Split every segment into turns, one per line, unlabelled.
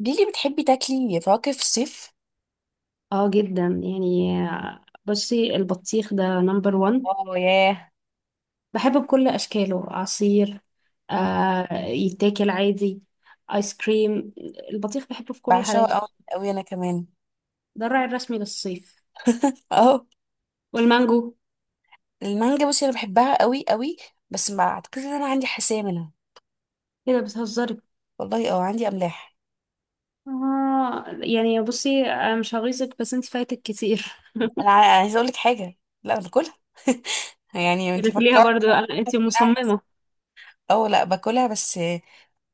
ليلي، بتحبي تاكلي فواكه في الصيف؟
اه جدا يعني. بصي، البطيخ ده نمبر وان،
اه، ياه.
بحبه بكل اشكاله عصير، آه، يتاكل عادي، ايس كريم. البطيخ بحبه في كل حالاته،
بعشقها قوي قوي انا كمان.
ده الراعي الرسمي للصيف.
اه.
والمانجو،
المانجا، بصي انا بحبها قوي قوي. بس ما اعتقدش ان انا عندي حساسيه منها.
ايه ده بتهزري؟
والله اه، عندي املاح.
اه يعني بصي أنا مش هغيظك بس انت فايتك كتير.
انا عايزه اقول لك حاجه. لا، انا باكلها. يعني انت
بتاكليها
فكرت
برضو، انت
هتمنعني؟ بس
مصممة.
اه، لا، باكلها. بس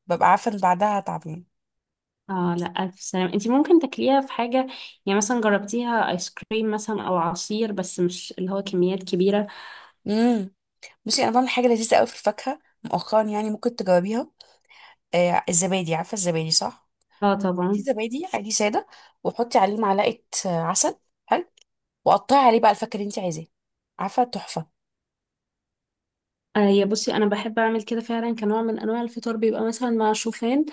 ببقى عارفه ان بعدها هتعب يعني.
اه لا الف سلام، انت ممكن تاكليها في حاجة، يعني مثلا جربتيها ايس كريم مثلا او عصير، بس مش اللي هو كميات كبيرة.
امم بصي، انا بعمل حاجه لذيذه قوي في الفاكهه مؤخرا. يعني ممكن تجاوبيها. آه، الزبادي، عارفه الزبادي صح؟
اه
في
طبعا.
زبادي عادي ساده، وحطي عليه معلقه عسل. حلو. وقطعي عليه بقى الفاكهه اللي انت عايزاه. عارفه؟ تحفه.
يا بصي انا بحب اعمل كده فعلا كنوع من انواع الفطار، بيبقى مثلا مع شوفان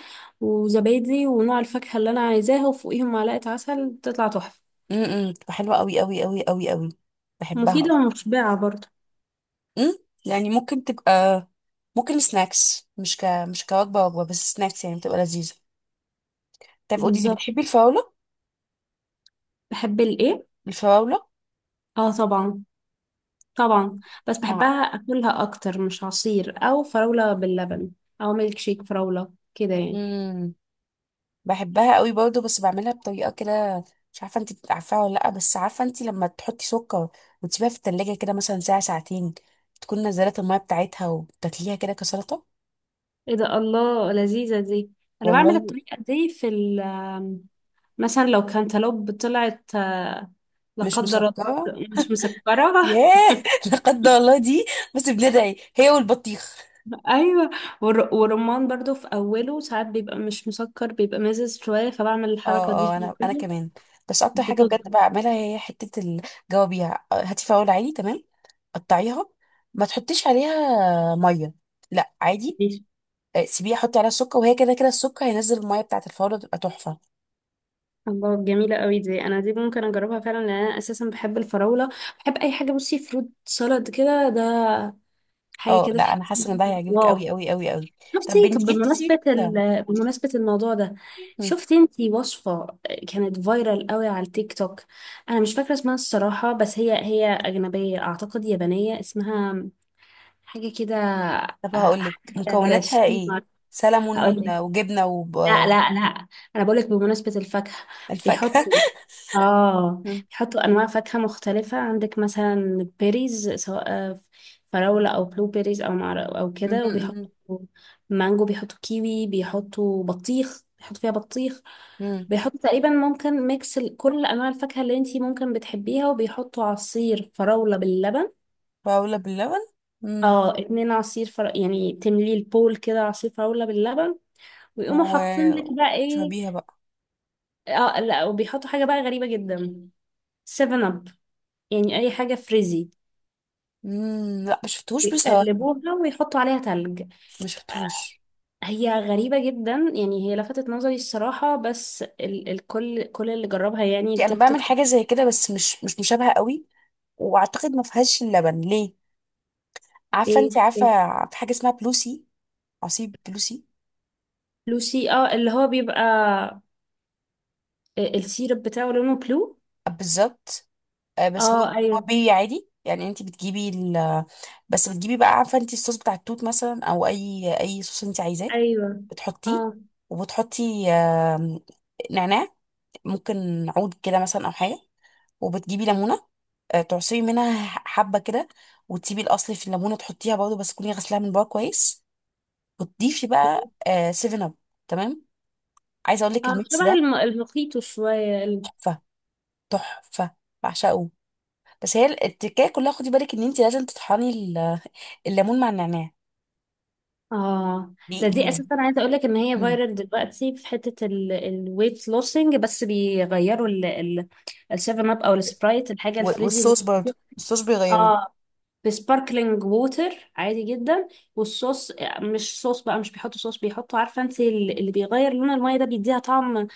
وزبادي ونوع الفاكهه اللي انا عايزاها، وفوقيهم معلقه عسل، بتطلع تحفه
بتبقى حلوه قوي قوي قوي قوي قوي. بحبها.
مفيده ومشبعه برضه.
امم يعني ممكن تبقى ممكن سناكس، مش كوجبه، بس سناكس. يعني بتبقى لذيذه. طيب، قولي لي،
بالظبط.
بتحبي الفراوله؟
بحب الايه؟
الفراوله
اه طبعا، طبعا. بس
مع.
بحبها اكلها اكتر، مش عصير او فراوله باللبن او ميلك شيك فراوله كده يعني.
امم بحبها قوي برضه، بس بعملها بطريقه كده. مش عارفه انت عارفاها ولا لا، بس عارفه انت لما تحطي سكر وتسيبيها في التلاجة كده، مثلا ساعه ساعتين، تكون نزلت الميه بتاعتها، وتاكليها كده كسلطه.
ايه ده، الله لذيذه دي. انا بعمل
والله
الطريقه دي في مثلا لو كانتالوب طلعت، آه، لا
مش
قدر الله،
مسكره.
مش مسكرة.
ياه. لقد الله دي. بس بندعي هي والبطيخ.
ايوه. والرمان برضو في اوله ساعات بيبقى مش مسكر، بيبقى مزز شويه، فبعمل الحركه دي
اه اه،
في
انا
الكوبي،
كمان. بس اكتر حاجه بجد
بتظبط.
بعملها هي حته، الجوابيها: هاتي فاول عادي، تمام؟ قطعيها، ما تحطيش عليها ميه، لا، عادي.
دي
سيبيه، حطي عليها السكر، وهي كده كده السكر هينزل الميه بتاعت الفورة، تبقى تحفة.
الله جميله قوي دي، انا دي ممكن اجربها فعلا، لان انا اساسا بحب الفراوله، بحب اي حاجه بصي فروت سلطه كده، ده حاجه
اه
كده
لا، انا
تحسي.
حاسة ان ده هيعجبك قوي
واو.
قوي قوي قوي. طب
شفتي
بنت،
طب
جبتي سيرة
بمناسبه
سلمون.
بمناسبه الموضوع ده،
مم.
شفتي انتي وصفه كانت فايرال قوي على التيك توك؟ انا مش فاكره اسمها الصراحه، بس هي اجنبيه اعتقد، يابانيه، اسمها حاجة كده، آه،
طب هقول لك
حاجة
مكوناتها ايه.
هرشيمة. هقول
سلمون
لك،
وجبنة
لا لا لا، أنا بقول لك بمناسبة الفاكهة،
والفاكهة.
بيحطوا، آه،
مم.
بيحطوا أنواع فاكهة مختلفة، عندك مثلا بيريز، سواء آه، فراولة أو بلو بيريز أو أو
مم.
كده،
مم.
وبيحطوا مانجو، بيحطوا كيوي، بيحطوا بطيخ، بيحطوا فيها بطيخ،
مم.
بيحطوا تقريبا ممكن ميكس كل أنواع الفاكهة اللي انتي ممكن بتحبيها، وبيحطوا عصير فراولة باللبن.
فاولة باللبن. مم.
اه، اتنين عصير يعني تملي البول كده عصير فراولة باللبن، ويقوموا حاطين لك بقى ايه؟
وشربيها بقى.
اه لا، وبيحطوا حاجة بقى غريبة جدا، سيفن اب، يعني اي حاجة فريزي،
مم. لا، ما شفتهوش بصراحة.
يقلبوها ويحطوا عليها تلج.
ما شفتهوش.
هي غريبة جدا يعني، هي لفتت نظري الصراحة، بس الكل، كل اللي جربها يعني
يعني انا
التيك
بعمل
توك.
حاجة زي كده، بس مش مشابهة قوي. واعتقد ما فيهاش اللبن. ليه؟ عارفه؟
ايه؟
انت عارفه
إيه؟
في حاجه اسمها بلوسي؟ عصير بلوسي.
لوسي، اه اللي هو بيبقى السيرب بتاعه لونه بلو.
آه، بالظبط. آه، بس هو،
اه
هو
ايوه.
بي عادي. يعني انت بتجيبي ال، بس بتجيبي بقى، عارفه، انت الصوص بتاع التوت مثلا، او اي صوص انت عايزاه
ايوه.
بتحطيه.
اه
وبتحطي نعناع، ممكن عود كده مثلا او حاجه. وبتجيبي ليمونه، تعصري منها حبه كده، وتسيبي الاصل في الليمونه تحطيها برضه، بس تكوني غسلاها من بره كويس، وتضيفي بقى سيفن اب. تمام؟ عايزه اقول لك
اه
الميكس
شبه
ده
المخيط شوية.
تحفه، تحفه. بعشقه. بس هي التكايه كلها، خدي بالك ان انت لازم تطحني الليمون مع النعناع.
اه، ده دي
بيقل.
اساسا عايزه اقول لك ان هي فايرال دلوقتي في حته الويت لوسنج، بس بيغيروا ال السيفن اب او السبرايت، الحاجه الفريزي اللي
والصوص برضو
بتحطيها،
الصوص بيغيره.
اه، بسباركلينج ووتر عادي جدا. والصوص، مش صوص بقى، مش بيحطوا صوص، بيحطوا عارفه انت اللي بيغير لون الميه ده، بيديها طعم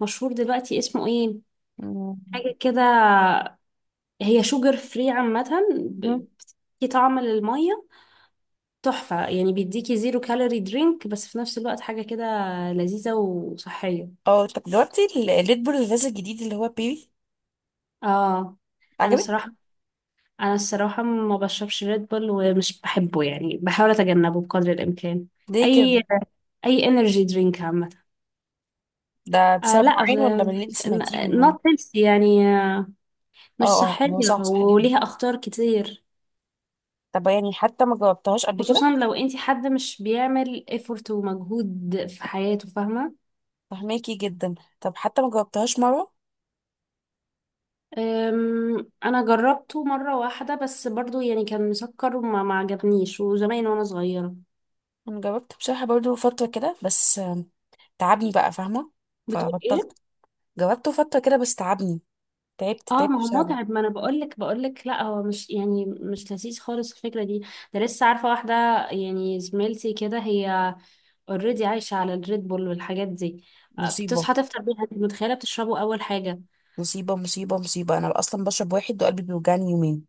مشهور دلوقتي، اسمه ايه،
مم.
حاجه كده، هي شوجر فري عامه، ب- بتدي طعم للميه، تحفة يعني. بيديكي زيرو كالوري درينك، بس في نفس الوقت حاجة كده لذيذة وصحية.
اه، طب جربتي الريد بول الغاز الجديد اللي هو بيبي؟
اه، انا
عجبك؟
الصراحة، انا الصراحة ما بشربش ريد بول، ومش بحبه يعني، بحاول اتجنبه بقدر الامكان.
ليه
اي
كده؟
اي انرجي درينك عامة.
ده
آه
بسبب
لا،
معين ولا من اللي انت سمعتيهم يعني؟
نوت هيلثي يعني، آه، مش
اه اه،
صحية،
هو صح، صح جدا.
وليها اخطار كتير،
طب يعني حتى ما جربتهاش قبل كده؟
خصوصا لو انتي حد مش بيعمل effort ومجهود في حياته، فاهمة.
فهماكي جدا. طب حتى ما جربتهاش مره؟
انا جربته مره واحده بس، برضو يعني كان مسكر وما ما عجبنيش، وزمان وانا صغيره.
انا جربت بصراحه برضو فتره كده، بس تعبني بقى، فاهمه؟
بتقول
فبطلت.
ايه؟
جربته فتره كده بس تعبني. تعبت،
اه
تعبت
ما هو
بسببه.
متعب، ما انا بقول لك، لا هو مش يعني مش لذيذ خالص الفكره دي. ده لسه عارفه واحده يعني، زميلتي كده، هي اوريدي عايشه على الريد بول والحاجات دي. آه،
مصيبة
بتصحى تفطر بيها، انت متخيله، بتشربه اول حاجه.
مصيبة مصيبة مصيبة. أنا أصلا بشرب واحد وقلبي بيوجعني يومين.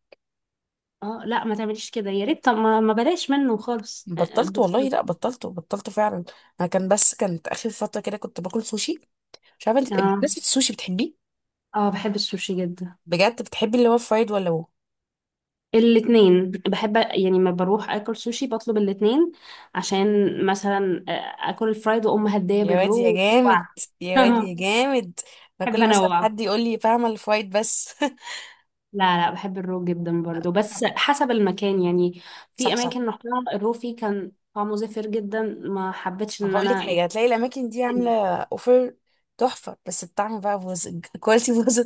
اه لا ما تعمليش كده، يا ريت طب ما بلاش منه خالص، آه،
بطلت والله،
بتشرب.
لا بطلت، بطلت فعلا. أنا كان بس، كانت آخر فترة كده كنت باكل سوشي. مش عارفة أنت
اه
بالنسبة السوشي بتحبيه؟
اه، بحب السوشي جدا.
بجد، بتحبي اللي هو فرايد ولا هو؟
الاتنين بحب يعني، ما بروح اكل سوشي بطلب الاتنين، عشان مثلا، آه، اكل الفرايد واقوم هديه
يا واد يا
بالرو.
جامد، يا واد يا جامد. أنا
بحب
كل مثلا
انوع،
حد يقول لي، فاهمة، الفرايد بس.
لا لا، بحب الرو جدا برضو، بس حسب المكان يعني. في
صح، صح.
اماكن رحتها الرو فيه كان طعمه زفر جدا، ما حبيتش ان
هقول لك
انا.
حاجة، هتلاقي الأماكن دي عاملة أوفر تحفة، بس الطعم بقى بوظ، الكواليتي بوظ.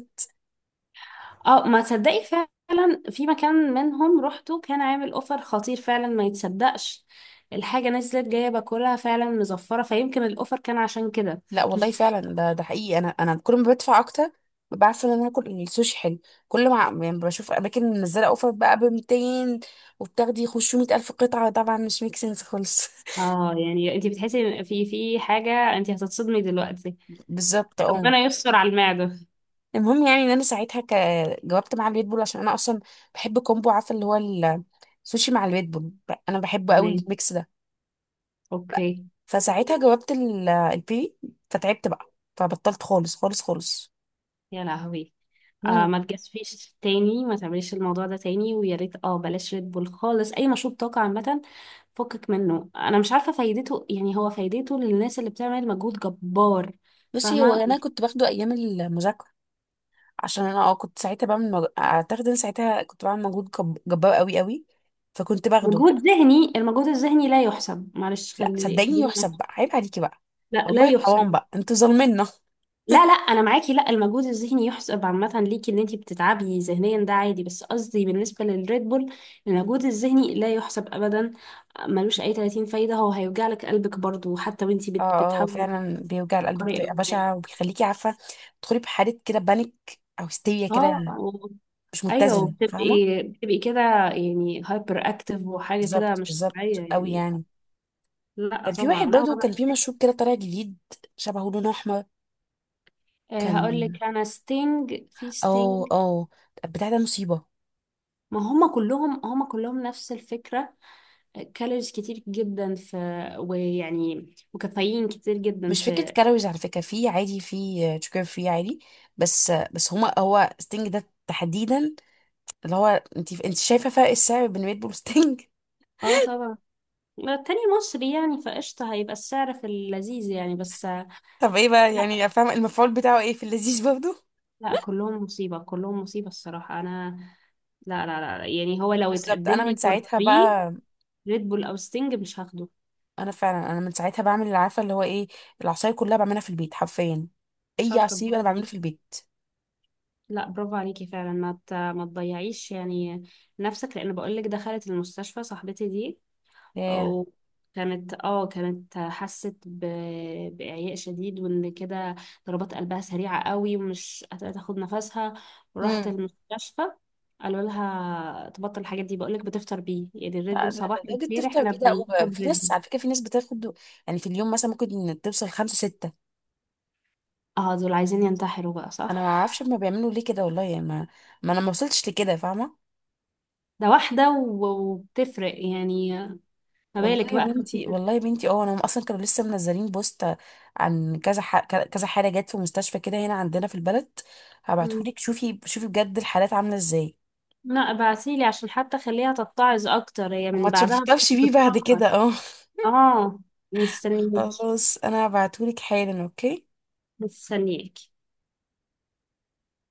اه ما تصدقي، فعلا في مكان منهم روحته كان عامل اوفر خطير فعلا ما يتصدقش، الحاجه نزلت جايه باكلها فعلا مزفره، فيمكن الاوفر كان عشان كده.
لا والله فعلا، ده حقيقي. انا كل ما بدفع اكتر ببقى عارفه ان انا هاكل السوشي حلو. كل ما يعني بشوف اماكن منزله اوفر بقى ب 200، وبتاخدي خشوا 100,000 الف قطعه، طبعا مش ميك سنس خالص.
اه يعني انت بتحسي في حاجة، انت هتتصدمي دلوقتي،
بالظبط اه.
ربنا يستر على المعدة.
المهم يعني ان انا ساعتها جاوبت مع الريد بول، عشان انا اصلا بحب كومبو، عارفه اللي هو السوشي مع الريد بول. انا بحبه قوي
تمام،
الميكس ده.
اوكي.
فساعتها جاوبت البيري، فتعبت بقى، فبطلت خالص خالص خالص.
يا لهوي. آه
مم.
ما تجازفيش تاني، ما تعمليش الموضوع ده تاني، ويا ريت اه بلاش ريد بول خالص، اي مشروب طاقة عامة فكك منه. انا مش عارفة فايدته يعني، هو فايدته للناس اللي بتعمل مجهود جبار،
بصي، هو
فاهمة.
انا كنت باخده ايام المذاكره، عشان انا اه كنت ساعتها بعمل اعتقد ان ساعتها كنت بعمل مجهود جبار قوي قوي، فكنت باخده.
مجهود ذهني، المجهود الذهني لا يحسب، معلش،
لا صدقيني
خليني.
يحسب، بقى عيب عليكي بقى.
لا لا
والله حرام
يحسب.
بقى، انتوا ظالمينا.
لا لا انا معاكي، لا المجهود الذهني يحسب عامه ليكي، ان انتي بتتعبي ذهنيا ده عادي، بس قصدي بالنسبه للريد بول المجهود الذهني لا يحسب ابدا، ملوش اي 30 فايده، هو هيوجع لك قلبك برضو، حتى وانتي
اه اه،
بتحاولي
فعلا بيوجع القلب
تفكري أو
بطريقه
بتاع.
بشعه، وبيخليكي، عارفه، تدخلي بحاله كده بانيك او هستيريا كده،
اه و-
مش
ايوه،
متزنه،
بتبقي،
فاهمه.
بتبقي كده يعني، هايبر اكتف، وحاجه كده
بالظبط،
مش طبيعيه
بالظبط قوي
يعني.
يعني.
لا
كان في واحد
طبعا هو،
برضه، كان في مشروب كده طالع جديد، شبهه لون احمر.
هقول
كان
لك انا ستينج، في
اه
ستينج،
اه، بتاع ده مصيبه.
ما هم كلهم، هم كلهم نفس الفكره، كالوريز كتير جدا في، ويعني، وكافيين كتير جدا
مش فكرة
في.
كالوريز على فكرة، في عادي، في شوكر فري عادي. بس بس هما هو ستينج ده تحديدا اللي هو، انت شايفة فرق السعر بين ريد بول وستينج.
اه طبعا. التاني مصري يعني، فقشطة هيبقى السعر في اللذيذ يعني، بس لا
طب ايه بقى يعني، فاهمة المفعول بتاعه ايه في اللذيذ برضه؟
لا كلهم مصيبة، كلهم مصيبة الصراحة. أنا لا لا لا، يعني هو لو
بالظبط.
اتقدم
انا
لي
من
فور
ساعتها
فري
بقى،
ريد بول أو ستينج مش هاخده.
انا فعلا، انا من ساعتها بعمل اللي، عارفة اللي هو ايه، العصاير كلها بعملها في البيت حرفيا. اي
شاطرة،
عصير انا
برافو
بعمله في
عليكي.
البيت.
لا برافو عليكي فعلا، ما تضيعيش يعني نفسك، لأن بقولك دخلت المستشفى صاحبتي دي،
ياه.
وكانت اه كانت حست بإعياء شديد، وإن كده ضربات قلبها سريعة قوي ومش هتاخد نفسها، وراحت
امم
المستشفى. قالوا لها تبطل الحاجات دي. بقولك بتفطر بيه يعني، الريد بول صباح
لدرجة
الخير،
تفطر
احنا
بيه؟ ده اوبر،
بناخد
في
ريد
ناس
بول.
على فكرة، في ناس بتاخد يعني في اليوم مثلا ممكن توصل خمسة ستة.
اه دول عايزين ينتحروا بقى،
انا
صح.
ما اعرفش ما بيعملوا ليه كده، والله يعني ما انا ما وصلتش لكده، فاهمه.
ده واحدة و- وبتفرق يعني، ما
والله
بالك
يا
بقى خمسة
بنتي، والله
ستة.
يا بنتي، اه انا اصلا كانوا لسه منزلين بوست عن كذا كذا حاله جت في مستشفى كده هنا عندنا في البلد.
مم.
هبعتهولك، شوفي شوفي بجد الحالات عامله ازاي،
لا ابعتيلي عشان حتى خليها تتعظ اكتر هي من
وما تشوفيش
بعدها.
بيه بعد
بتفكر.
كده، اه.
اه. مستنيك.
خلاص، انا هبعتهولك حالا، اوكي.
مستنياك.